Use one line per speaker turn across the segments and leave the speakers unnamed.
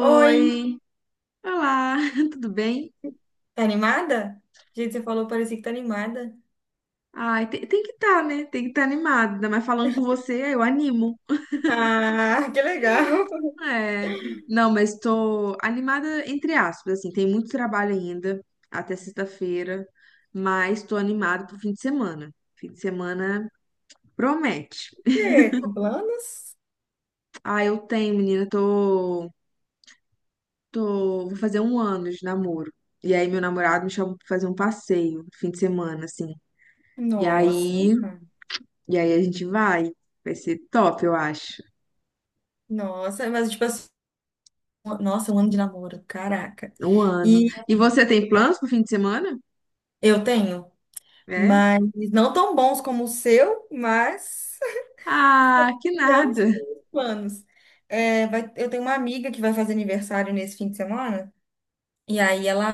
Oi,
olá, tudo bem?
tá animada? Gente, você falou, parecia que tá animada.
Ai, tem que estar, né? Tem que estar animada, ainda mais falando com você, eu animo.
Ah, que legal.
É, não, mas estou animada entre aspas, assim, tem muito trabalho ainda até sexta-feira, mas estou animada pro fim de semana. Fim de semana promete.
E aí, tem planos?
Ah, eu tenho, menina, vou fazer um ano de namoro. E aí meu namorado me chamou pra fazer um passeio no fim de semana, assim. E
Nossa,
aí E aí a gente vai. Vai ser top, eu acho.
nossa, mas tipo assim, nossa, um ano de namoro, caraca.
Um ano.
E
E você tem planos pro fim de semana?
eu tenho,
É?
mas não tão bons como o seu, mas
Ah, que
fizemos
nada.
planos. É, eu tenho uma amiga que vai fazer aniversário nesse fim de semana. E aí ela,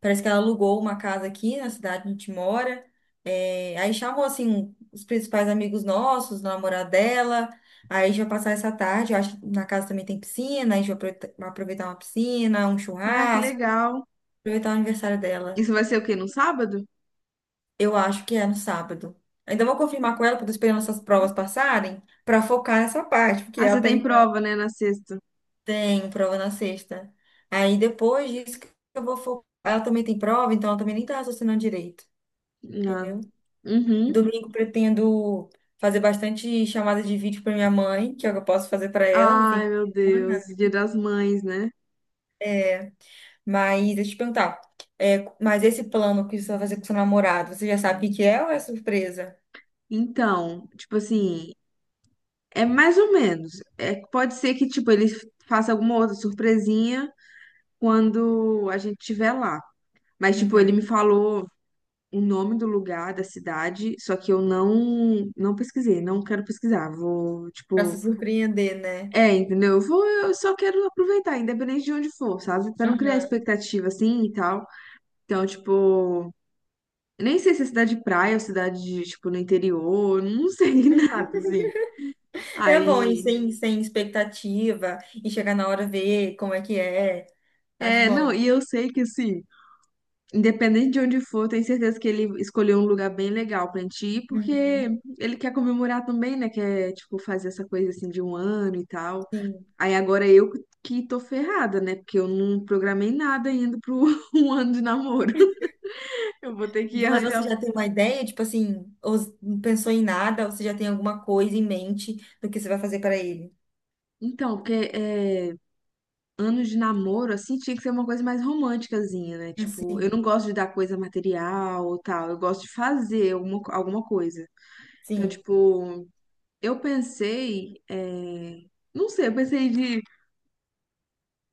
parece que ela alugou uma casa aqui na cidade onde a gente mora. É, aí chamou, assim, os principais amigos nossos, o namorado dela. Aí a gente vai passar essa tarde, eu acho que na casa também tem piscina, a gente vai vai aproveitar uma piscina, um
Ah, que
churrasco,
legal.
aproveitar o aniversário dela.
Isso vai ser o quê? No sábado?
Eu acho que é no sábado. Ainda vou confirmar com ela, porque eu tô esperando essas
Uhum.
provas passarem, para focar nessa parte, porque
Ah, você
até
tem
então
prova, né? Na sexta.
tem prova na sexta. Aí depois disso que eu vou focar. Ela também tem prova, então ela também nem tá raciocinando direito.
Ah.
Entendeu?
Uhum.
Domingo pretendo fazer bastante chamadas de vídeo para minha mãe, que é o que eu posso fazer para ela no fim
Ai,
de
meu Deus.
semana,
Dia das Mães, né?
né? Mas deixa eu te perguntar, é, mas esse plano que você vai fazer com seu namorado, você já sabe o que que é ou é surpresa?
Então, tipo assim, é mais ou menos. É, pode ser que, tipo, ele faça alguma outra surpresinha quando a gente estiver lá. Mas, tipo, ele
Uhum.
me falou o nome do lugar, da cidade, só que eu não pesquisei, não quero pesquisar. Vou,
Para se
tipo,
surpreender, né?
é, entendeu? Eu vou, eu só quero aproveitar, independente de onde for, sabe? Pra não criar
Uhum.
expectativa assim e tal. Então, tipo, eu nem sei se é cidade de praia ou cidade de, tipo, no interior, não sei nada assim.
É bom ir
Aí,
sem, sem expectativa e chegar na hora ver como é que é. Acho
é,
bom.
não, e eu sei que assim, independente de onde for, tenho certeza que ele escolheu um lugar bem legal pra gente ir, porque
Uhum.
ele quer comemorar também, né? Quer, tipo, fazer essa coisa assim de um ano e tal.
Sim.
Aí agora eu que tô ferrada, né? Porque eu não programei nada ainda pro um ano de namoro. Eu vou ter que
Mas você
arranjar.
já tem uma ideia, tipo assim, ou não pensou em nada, ou você já tem alguma coisa em mente do que você vai fazer para ele?
Então, porque é, anos de namoro, assim, tinha que ser uma coisa mais românticazinha, né? Tipo, eu
Assim,
não gosto de dar coisa material ou tal. Eu gosto de fazer alguma coisa. Então,
sim.
tipo, eu pensei, é, não sei, eu pensei de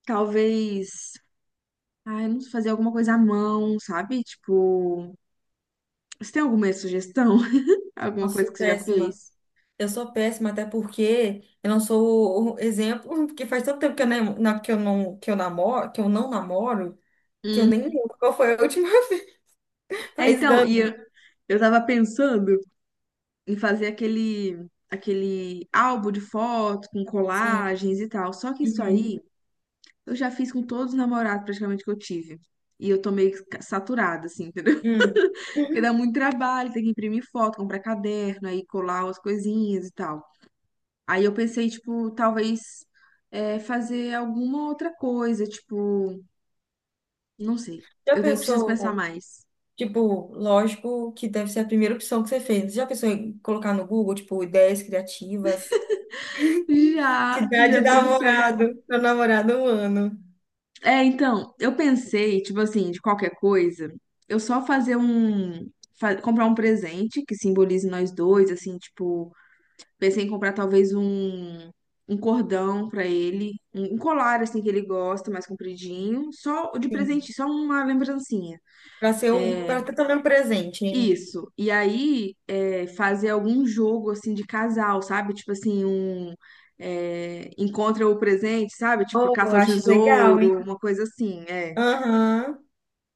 talvez, ai, não sei, fazer alguma coisa à mão, sabe? Tipo, você tem alguma sugestão? Alguma
Nossa,
coisa
sou
que você já
péssima.
fez?
Eu sou péssima até porque eu não sou o exemplo, porque faz tanto tempo que eu, que eu não que eu namoro, que eu não namoro, que eu nem
Hum.
lembro qual foi a última vez.
É,
Faz
então,
anos.
eu tava pensando em fazer aquele álbum de foto com
Sim.
colagens e tal. Só que isso
Uhum.
aí eu já fiz com todos os namorados praticamente que eu tive. E eu tô meio saturada, assim, entendeu?
Hum.
Porque dá
Uhum.
muito trabalho, tem que imprimir foto, comprar caderno, aí colar as coisinhas e tal. Aí eu pensei, tipo, talvez é, fazer alguma outra coisa, tipo, não sei.
Já
Eu nem preciso pensar
pensou,
mais.
tipo, lógico que deve ser a primeira opção que você fez. Já pensou em colocar no Google, tipo, ideias criativas? De
Já
idade
Boa.
da
Pensei.
namorado, meu namorado um ano.
É, então, eu pensei, tipo assim, de qualquer coisa, eu só fazer um, comprar um presente que simbolize nós dois, assim, tipo pensei em comprar um cordão pra ele, um colar assim que ele gosta, mais compridinho, só de
Sim,
presente, só uma lembrancinha.
para ser um, para estar também um presente, hein?
Isso. E aí é, fazer algum jogo assim de casal, sabe? Tipo assim, um é, encontra o presente, sabe? Tipo
Oh, eu
caça ao
acho legal, hein?
tesouro, uma coisa assim. É,
Aham.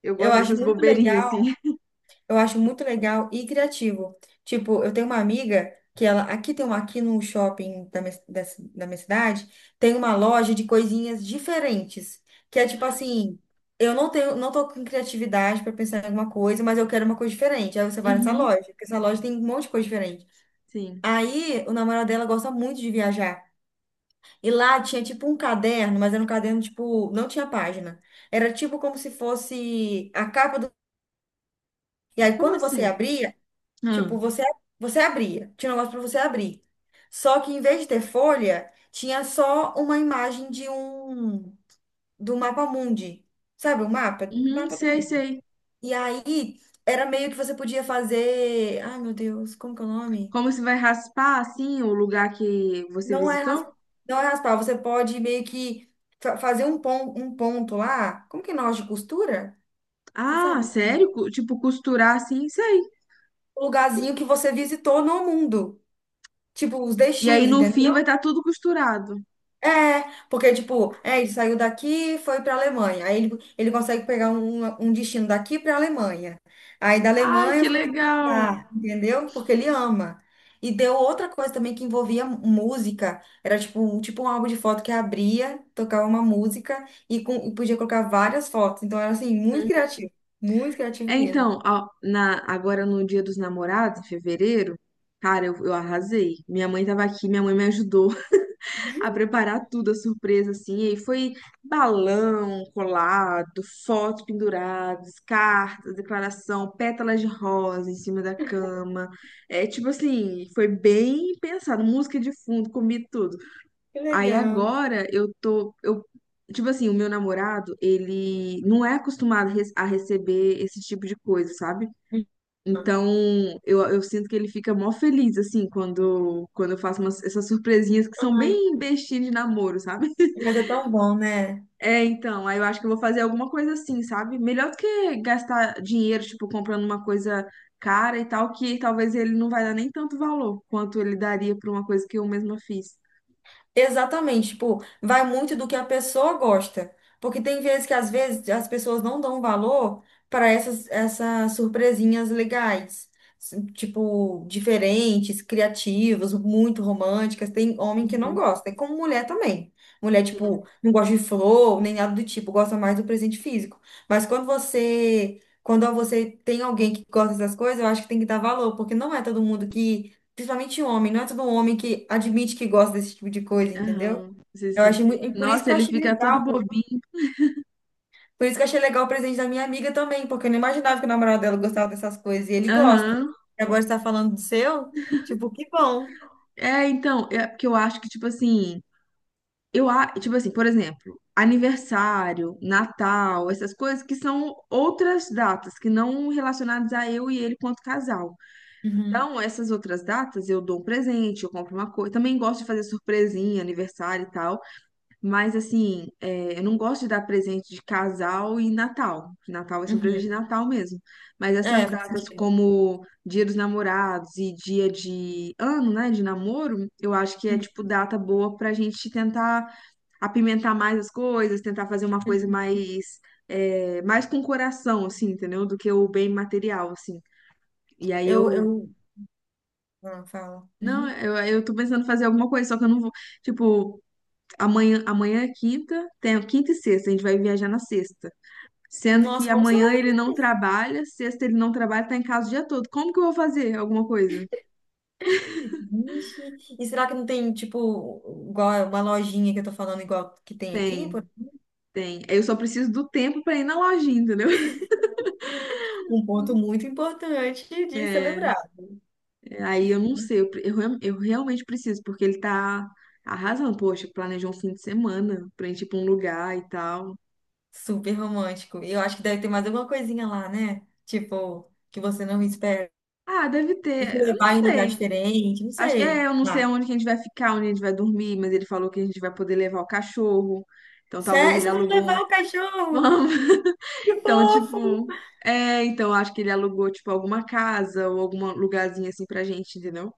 eu
Eu
gosto
acho
dessas
muito
bobeirinhas
legal,
assim.
eu acho muito legal e criativo. Tipo, eu tenho uma amiga que ela, aqui tem uma, aqui no shopping da minha, da, da minha cidade, tem uma loja de coisinhas diferentes, que é tipo assim, eu não tenho, não tô com criatividade para pensar em alguma coisa, mas eu quero uma coisa diferente. Aí você vai nessa
Uhum,
loja, porque essa loja tem um monte de coisa diferente.
sim.
Aí, o namorado dela gosta muito de viajar. E lá tinha tipo um caderno, mas era um caderno tipo, não tinha página. Era tipo como se fosse a capa do. E aí,
Como
quando você
assim?
abria,
Ah,
tipo, você, você abria. Tinha um negócio pra você abrir. Só que em vez de ter folha, tinha só uma imagem de um. Do mapa mundi. Sabe o mapa?
uhum,
Mapa do
sei,
mundo.
sei.
E aí, era meio que você podia fazer. Ai, meu Deus, como que é o nome?
Como se vai raspar assim o lugar que você
Não é,
visitou?
não é raspar, você pode meio que fazer um, um ponto lá. Como que é nós de costura? Você
Ah,
sabe?
sério? Tipo, costurar assim, sei.
O lugarzinho que você visitou no mundo. Tipo, os
E aí
destinos,
no fim vai
entendeu?
estar tudo costurado.
É, porque, tipo, é, ele saiu daqui e foi pra Alemanha. Aí ele consegue pegar um, um destino daqui pra Alemanha. Aí da
Ai,
Alemanha
que
pra outro
legal!
lugar, entendeu? Porque ele ama. E deu outra coisa também que envolvia música. Era tipo, tipo um álbum de foto que abria, tocava uma música e, com, e podia colocar várias fotos. Então era assim, muito criativo. Muito criativo
É,
mesmo.
então, ó, na, agora no Dia dos Namorados, em fevereiro, cara, eu arrasei. Minha mãe tava aqui, minha mãe me ajudou a preparar tudo, a surpresa, assim. E aí foi balão colado, fotos penduradas, cartas, declaração, pétalas de rosa em cima da cama. É, tipo assim, foi bem pensado. Música de fundo, comi tudo.
Que
Aí
legal.
agora eu tô, eu, tipo assim, o meu namorado, ele não é acostumado a receber esse tipo de coisa, sabe? Então, eu sinto que ele fica mó feliz, assim, quando eu faço umas, essas surpresinhas que são
Ai,
bem bestinhas de namoro, sabe?
mas é tão bom, né?
É, então, aí eu acho que eu vou fazer alguma coisa assim, sabe? Melhor do que gastar dinheiro, tipo, comprando uma coisa cara e tal, que talvez ele não vai dar nem tanto valor quanto ele daria pra uma coisa que eu mesma fiz.
Exatamente, tipo, vai muito do que a pessoa gosta. Porque tem vezes que às vezes as pessoas não dão valor para essas, essas surpresinhas legais. Tipo, diferentes, criativas, muito românticas. Tem homem que não
Uhum,
gosta, e como mulher também. Mulher, tipo,
sim,
não gosta de flor, nem nada do tipo, gosta mais do presente físico. Mas quando você tem alguém que gosta dessas coisas, eu acho que tem que dar valor, porque não é todo mundo que. Principalmente homem, não é todo homem que admite que gosta desse tipo de coisa, entendeu?
aham, sim,
Eu
sim.
achei muito, e por isso
Nossa,
que eu
ele
achei
fica todo
legal,
bobinho.
por isso que eu achei legal o presente da minha amiga também, porque eu não imaginava que o namorado dela gostava dessas coisas e ele gosta.
Aham.
E agora está falando do seu, tipo, que bom.
É, então, é porque eu acho que, tipo assim, eu acho, tipo assim, por exemplo, aniversário, Natal, essas coisas que são outras datas, que não relacionadas a eu e ele quanto casal.
Uhum,
Então, essas outras datas eu dou um presente, eu compro uma coisa. Também gosto de fazer surpresinha, aniversário e tal. Mas, assim, é, eu não gosto de dar presente de casal e Natal. Natal vai ser um presente de
uhum.
Natal mesmo. Mas essas
É, faz
datas,
sentido.
como Dia dos Namorados e dia de ano, né, de namoro, eu acho que é,
Uhum,
tipo, data boa pra gente tentar apimentar mais as coisas, tentar fazer uma coisa
uhum.
mais, é, mais com coração, assim, entendeu? Do que o bem material, assim. E aí
Eu,
eu
eu, ah, fala.
Não,
Uhum.
eu tô pensando em fazer alguma coisa, só que eu não vou. Tipo, amanhã é quinta, tem quinta e sexta, a gente vai viajar na sexta. Sendo que
Nossa, como você vai
amanhã ele
fazer
não
isso?
trabalha, sexta ele não trabalha, tá em casa o dia todo. Como que eu vou fazer alguma coisa?
Vixe. E será que não tem, tipo, igual uma lojinha que eu tô falando igual que tem aqui?
Tem, tem. Eu só preciso do tempo pra ir na lojinha, entendeu?
Um ponto muito importante de
É,
celebrar.
aí eu não sei, eu realmente preciso, porque ele tá arrasando, poxa, planejou um fim de semana pra gente ir pra um lugar e tal.
Super romântico. E eu acho que deve ter mais alguma coisinha lá, né? Tipo, que você não espera.
Ah, deve
Te
ter, eu não
levar em lugar
sei.
diferente, não
Acho que
sei.
é, eu não sei
Ah,
onde que a gente vai ficar, onde a gente vai dormir, mas ele falou que a gente vai poder levar o cachorro. Então talvez
sério?
ele
Vocês vão
alugou um-
levar o cachorro?
vamos.
Que
Então,
fofo!
tipo, é, então acho que ele alugou tipo alguma casa ou algum lugarzinho assim pra gente, entendeu?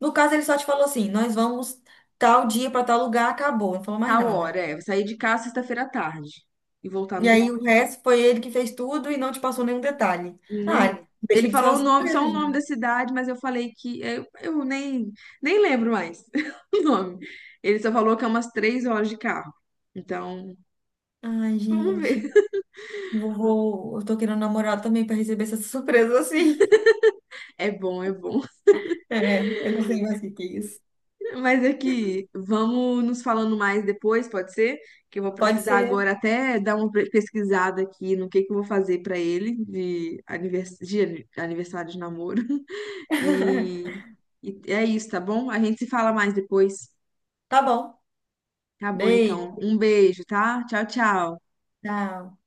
No caso, ele só te falou assim: nós vamos tal dia para tal lugar, acabou, não falou mais
Tal
nada.
hora, é, eu sair de casa sexta-feira à tarde e voltar no
E
domingo,
aí o resto foi ele que fez tudo e não te passou nenhum detalhe. Ah,
nem. Ele
deixei de ser
falou
uma
o nome,
surpresa,
só o nome da
gente.
cidade, mas eu falei que eu nem nem lembro mais o nome. Ele só falou que é umas 3 horas de carro. Então,
Ai,
vamos ver.
gente, vovô, eu tô querendo namorar também para receber essa surpresa assim.
É bom, é bom.
É, eu não sei mais o que que é isso.
Mas é que vamos nos falando mais depois, pode ser? Que eu vou
Pode
precisar
ser.
agora até dar uma pesquisada aqui no que eu vou fazer pra ele de, anivers... de aniversário de namoro. E... e é isso, tá bom? A gente se fala mais depois.
Tá bom.
Tá bom,
Beijo.
então. Um beijo, tá? Tchau, tchau.
Tchau.